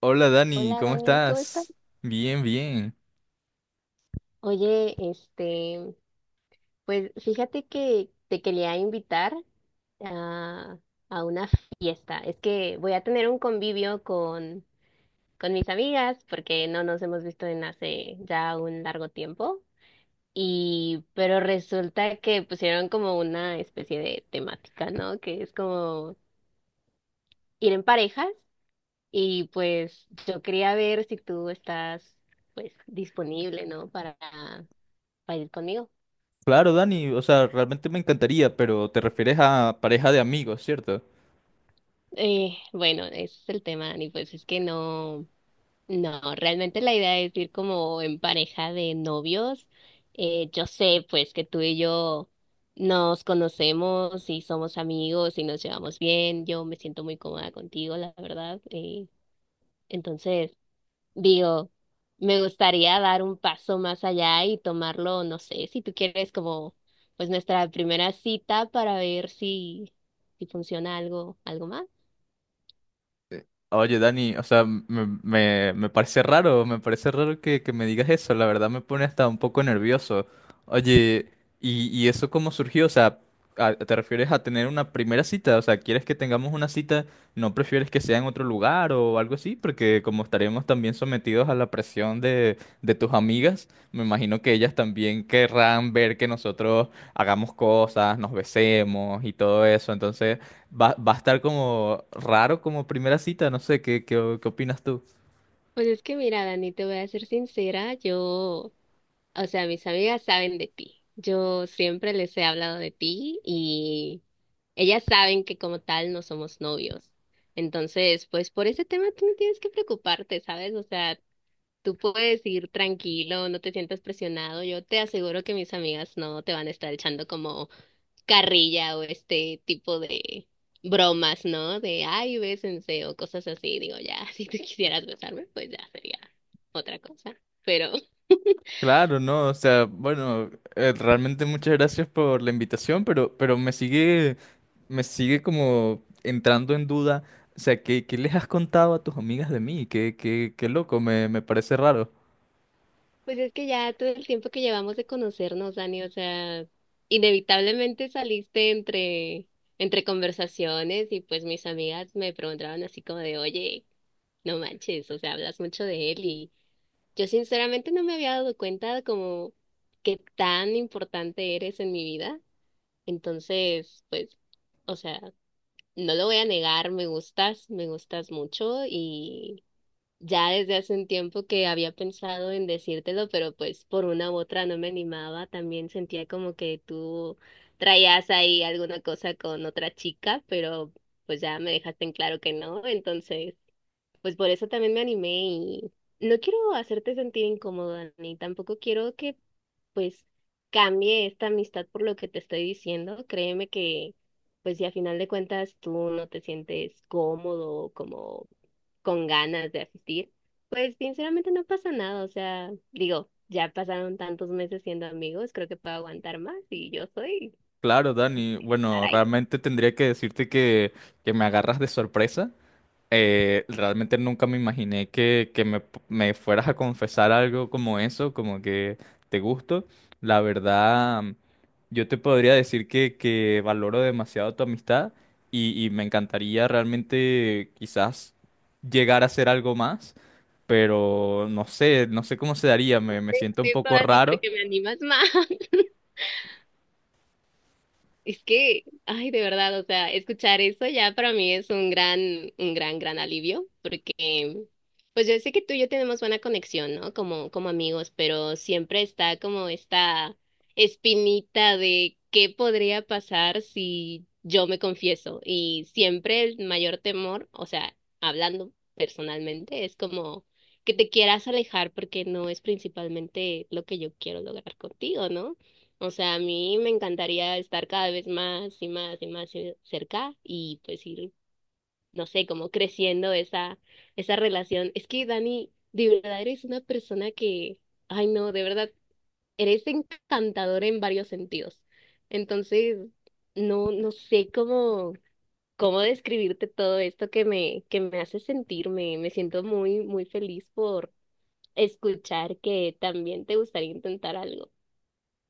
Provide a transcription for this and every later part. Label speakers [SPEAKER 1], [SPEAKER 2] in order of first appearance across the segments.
[SPEAKER 1] Hola Dani,
[SPEAKER 2] Hola
[SPEAKER 1] ¿cómo
[SPEAKER 2] Dani, ¿cómo estás?
[SPEAKER 1] estás? Bien, bien.
[SPEAKER 2] Oye, pues fíjate que te quería invitar a, a una fiesta. Es que voy a tener un convivio con mis amigas porque no nos hemos visto en hace ya un largo tiempo. Y, pero resulta que pusieron como una especie de temática, ¿no? Que es como ir en parejas. Y pues yo quería ver si tú estás, pues, disponible, ¿no? Para ir conmigo.
[SPEAKER 1] Claro, Dani, o sea, realmente me encantaría, pero te refieres a pareja de amigos, ¿cierto?
[SPEAKER 2] Bueno, ese es el tema, Dani, pues es que no, realmente la idea es ir como en pareja de novios. Yo sé pues que tú y yo nos conocemos y somos amigos y nos llevamos bien, yo me siento muy cómoda contigo, la verdad. Entonces, digo, me gustaría dar un paso más allá y tomarlo, no sé, si tú quieres como pues nuestra primera cita para ver si funciona algo, algo más.
[SPEAKER 1] Oye, Dani, o sea, me parece raro, me parece raro que me digas eso, la verdad me pone hasta un poco nervioso. Oye, ¿y eso cómo surgió? O sea, ¿te refieres a tener una primera cita? O sea, ¿quieres que tengamos una cita? ¿No prefieres que sea en otro lugar o algo así? Porque como estaremos también sometidos a la presión de tus amigas, me imagino que ellas también querrán ver que nosotros hagamos cosas, nos besemos y todo eso. Entonces... Va a estar como raro como primera cita, no sé, ¿qué opinas tú?
[SPEAKER 2] Pues es que mira, Dani, te voy a ser sincera, yo, o sea, mis amigas saben de ti. Yo siempre les he hablado de ti y ellas saben que como tal no somos novios. Entonces, pues por ese tema tú no tienes que preocuparte, ¿sabes? O sea, tú puedes ir tranquilo, no te sientas presionado. Yo te aseguro que mis amigas no te van a estar echando como carrilla o este tipo de bromas, ¿no? De, ay, bésense o cosas así. Digo, ya, si tú quisieras besarme, pues ya sería otra cosa. Pero,
[SPEAKER 1] Claro, no, o sea, bueno, realmente muchas gracias por la invitación, pero, me sigue como entrando en duda, o sea, ¿qué, les has contado a tus amigas de mí? Qué, qué loco, me parece raro.
[SPEAKER 2] pues es que ya todo el tiempo que llevamos de conocernos, Dani, o sea, inevitablemente saliste entre conversaciones y pues mis amigas me preguntaban así como de, oye, no manches, o sea, hablas mucho de él y yo sinceramente no me había dado cuenta como qué tan importante eres en mi vida. Entonces, pues, o sea, no lo voy a negar, me gustas mucho y ya desde hace un tiempo que había pensado en decírtelo, pero pues por una u otra no me animaba, también sentía como que tú traías ahí alguna cosa con otra chica, pero pues ya me dejaste en claro que no, entonces... Pues por eso también me animé y no quiero hacerte sentir incómoda, ni tampoco quiero que pues cambie esta amistad por lo que te estoy diciendo. Créeme que pues si a final de cuentas tú no te sientes cómodo, como con ganas de asistir, pues sinceramente no pasa nada. O sea, digo, ya pasaron tantos meses siendo amigos, creo que puedo aguantar más y yo soy
[SPEAKER 1] Claro, Dani,
[SPEAKER 2] estar
[SPEAKER 1] bueno,
[SPEAKER 2] ahí.
[SPEAKER 1] realmente tendría que decirte que me agarras de sorpresa, realmente nunca me imaginé que me fueras a confesar algo como eso, como que te gusto. La verdad, yo te podría decir que valoro demasiado tu amistad y me encantaría realmente quizás llegar a hacer algo más, pero no sé, no sé cómo se daría, me siento un
[SPEAKER 2] Eso,
[SPEAKER 1] poco
[SPEAKER 2] Dani,
[SPEAKER 1] raro.
[SPEAKER 2] porque me animas más. Es que, ay, de verdad, o sea, escuchar eso ya para mí es un gran, un gran alivio, porque pues yo sé que tú y yo tenemos buena conexión, ¿no? Como amigos, pero siempre está como esta espinita de qué podría pasar si yo me confieso. Y siempre el mayor temor, o sea, hablando personalmente, es como que te quieras alejar porque no es principalmente lo que yo quiero lograr contigo, ¿no? O sea, a mí me encantaría estar cada vez más y más y más cerca y pues ir, no sé, como creciendo esa relación. Es que Dani, de verdad eres una persona que, ay no, de verdad, eres encantadora en varios sentidos. Entonces, no, no sé cómo describirte todo esto que que me hace sentir. Me siento muy, muy feliz por escuchar que también te gustaría intentar algo.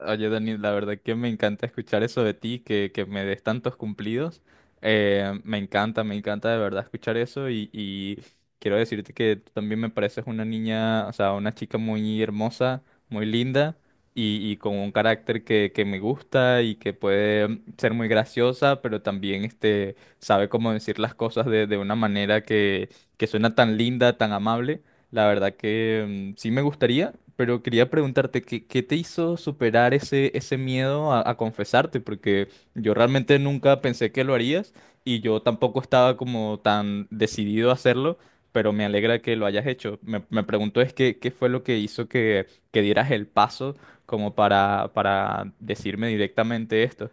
[SPEAKER 1] Oye, Dani, la verdad que me encanta escuchar eso de ti, que me des tantos cumplidos. Me encanta de verdad escuchar eso y quiero decirte que tú también me pareces una niña, o sea, una chica muy hermosa, muy linda y con un carácter que me gusta y que puede ser muy graciosa, pero también este, sabe cómo decir las cosas de una manera que suena tan linda, tan amable. La verdad que sí me gustaría, pero quería preguntarte, ¿qué, qué te hizo superar ese miedo a confesarte? Porque yo realmente nunca pensé que lo harías y yo tampoco estaba como tan decidido a hacerlo, pero me alegra que lo hayas hecho. Me pregunto es que, qué fue lo que hizo que dieras el paso como para decirme directamente esto.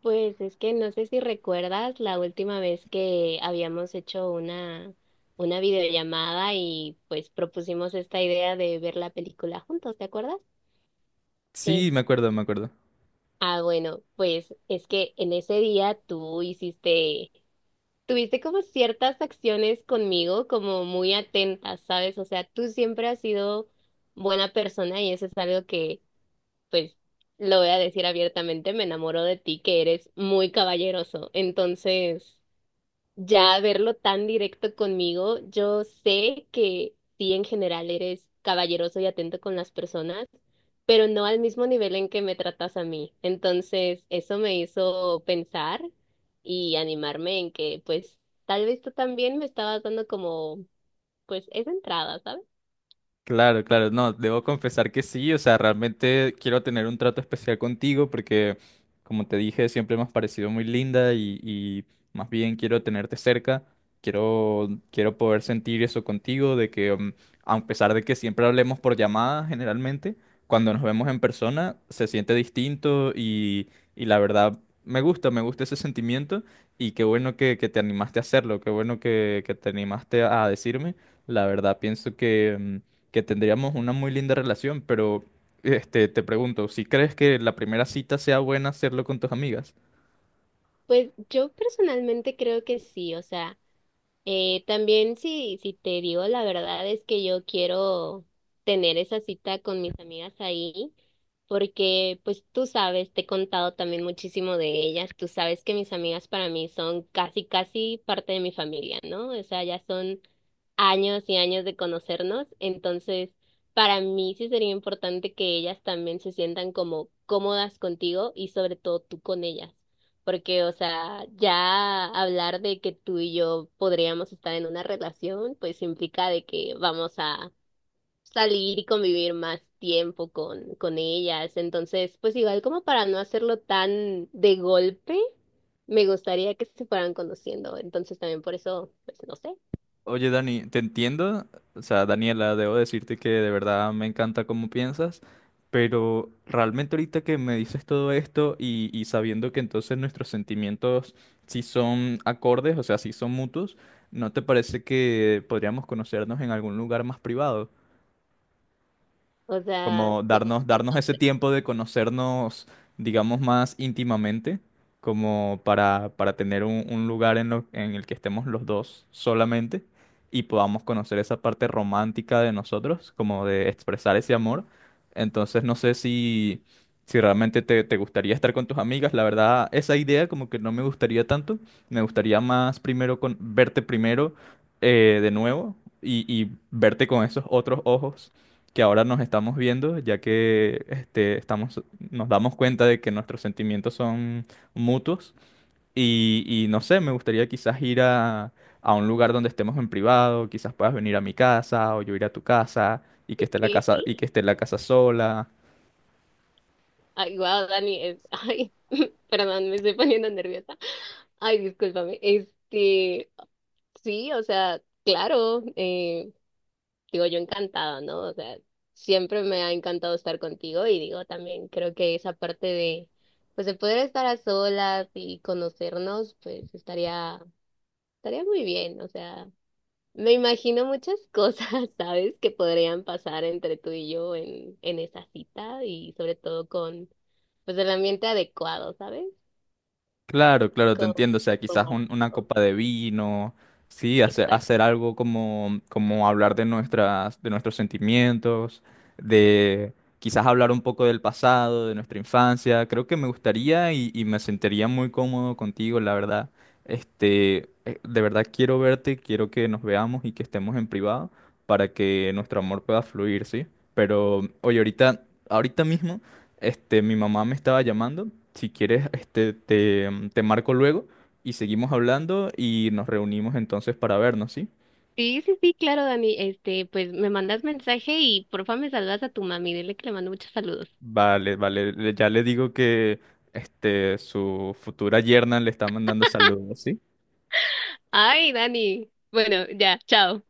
[SPEAKER 2] Pues es que no sé si recuerdas la última vez que habíamos hecho una videollamada y pues propusimos esta idea de ver la película juntos, ¿te acuerdas?
[SPEAKER 1] Sí,
[SPEAKER 2] Es,
[SPEAKER 1] me acuerdo, me acuerdo.
[SPEAKER 2] bueno, pues es que en ese día tuviste como ciertas acciones conmigo como muy atentas, ¿sabes? O sea, tú siempre has sido buena persona y eso es algo que, pues, lo voy a decir abiertamente, me enamoro de ti, que eres muy caballeroso. Entonces... ya verlo tan directo conmigo, yo sé que sí en general eres caballeroso y atento con las personas, pero no al mismo nivel en que me tratas a mí. Entonces, eso me hizo pensar y animarme en que pues tal vez tú también me estabas dando como pues esa entrada, ¿sabes?
[SPEAKER 1] Claro, claro, no, debo confesar que sí, o sea, realmente quiero tener un trato especial contigo porque, como te dije, siempre me has parecido muy linda y más bien quiero tenerte cerca, quiero, quiero poder sentir eso contigo, de que a pesar de que siempre hablemos por llamada generalmente, cuando nos vemos en persona se siente distinto y la verdad me gusta ese sentimiento y qué bueno que te animaste a hacerlo, qué bueno que te animaste a decirme, la verdad pienso que... que tendríamos una muy linda relación, pero este, te pregunto, ¿si crees que la primera cita sea buena hacerlo con tus amigas?
[SPEAKER 2] Pues yo personalmente creo que sí, o sea, también si te digo la verdad es que yo quiero tener esa cita con mis amigas ahí, porque pues tú sabes, te he contado también muchísimo de ellas, tú sabes que mis amigas para mí son casi, casi parte de mi familia, ¿no? O sea, ya son años y años de conocernos, entonces para mí sí sería importante que ellas también se sientan como cómodas contigo y sobre todo tú con ellas. Porque, o sea, ya hablar de que tú y yo podríamos estar en una relación, pues implica de que vamos a salir y convivir más tiempo con ellas. Entonces, pues igual como para no hacerlo tan de golpe, me gustaría que se fueran conociendo. Entonces también por eso, pues no sé.
[SPEAKER 1] Oye, Dani, te entiendo, o sea, Daniela, debo decirte que de verdad me encanta cómo piensas, pero realmente ahorita que me dices todo esto y sabiendo que entonces nuestros sentimientos sí son acordes, o sea, sí son mutuos, ¿no te parece que podríamos conocernos en algún lugar más privado?
[SPEAKER 2] O sea,
[SPEAKER 1] Como
[SPEAKER 2] como
[SPEAKER 1] darnos ese
[SPEAKER 2] entonces,
[SPEAKER 1] tiempo de conocernos, digamos, más íntimamente, como para tener un lugar en, en el que estemos los dos solamente y podamos conocer esa parte romántica de nosotros, como de expresar ese amor. Entonces, no sé si, si realmente te gustaría estar con tus amigas, la verdad, esa idea como que no me gustaría tanto, me gustaría más primero con, verte primero de nuevo. Y verte con esos otros ojos que ahora nos estamos viendo, ya que este, estamos, nos damos cuenta de que nuestros sentimientos son mutuos. Y no sé, me gustaría quizás ir a un lugar donde estemos en privado, quizás puedas venir a mi casa o yo ir a tu casa y que esté la
[SPEAKER 2] ¿qué?
[SPEAKER 1] casa, sola.
[SPEAKER 2] Ay, wow, Dani, ay, perdón, me estoy poniendo nerviosa. Ay, discúlpame. Este, sí, o sea, claro, digo yo encantada, ¿no? O sea, siempre me ha encantado estar contigo y digo también creo que esa parte de, pues de poder estar a solas y conocernos, pues estaría muy bien, o sea, me imagino muchas cosas, ¿sabes? Que podrían pasar entre tú y yo en esa cita y sobre todo con, pues el ambiente adecuado, ¿sabes?
[SPEAKER 1] Claro, claro, te
[SPEAKER 2] Con
[SPEAKER 1] entiendo. O sea, quizás una
[SPEAKER 2] romántico,
[SPEAKER 1] copa de vino, sí, hacer, hacer algo como, como hablar de de nuestros sentimientos, de quizás hablar un poco del pasado, de nuestra infancia. Creo que me gustaría y me sentiría muy cómodo contigo, la verdad. Este, de verdad quiero verte, quiero que nos veamos y que estemos en privado para que nuestro amor pueda fluir, ¿sí? Pero, oye, ahorita, ahorita mismo. Este, mi mamá me estaba llamando. Si quieres, este, te marco luego y seguimos hablando y nos reunimos entonces para vernos, ¿sí?
[SPEAKER 2] sí, sí, sí, claro, Dani. Este, pues me mandas mensaje y porfa me saludas a tu mami. Dile que le mando muchos saludos.
[SPEAKER 1] Vale, vale. Ya le digo que este, su futura yerna le está mandando saludos, ¿sí?
[SPEAKER 2] Ay, Dani. Bueno, ya, chao.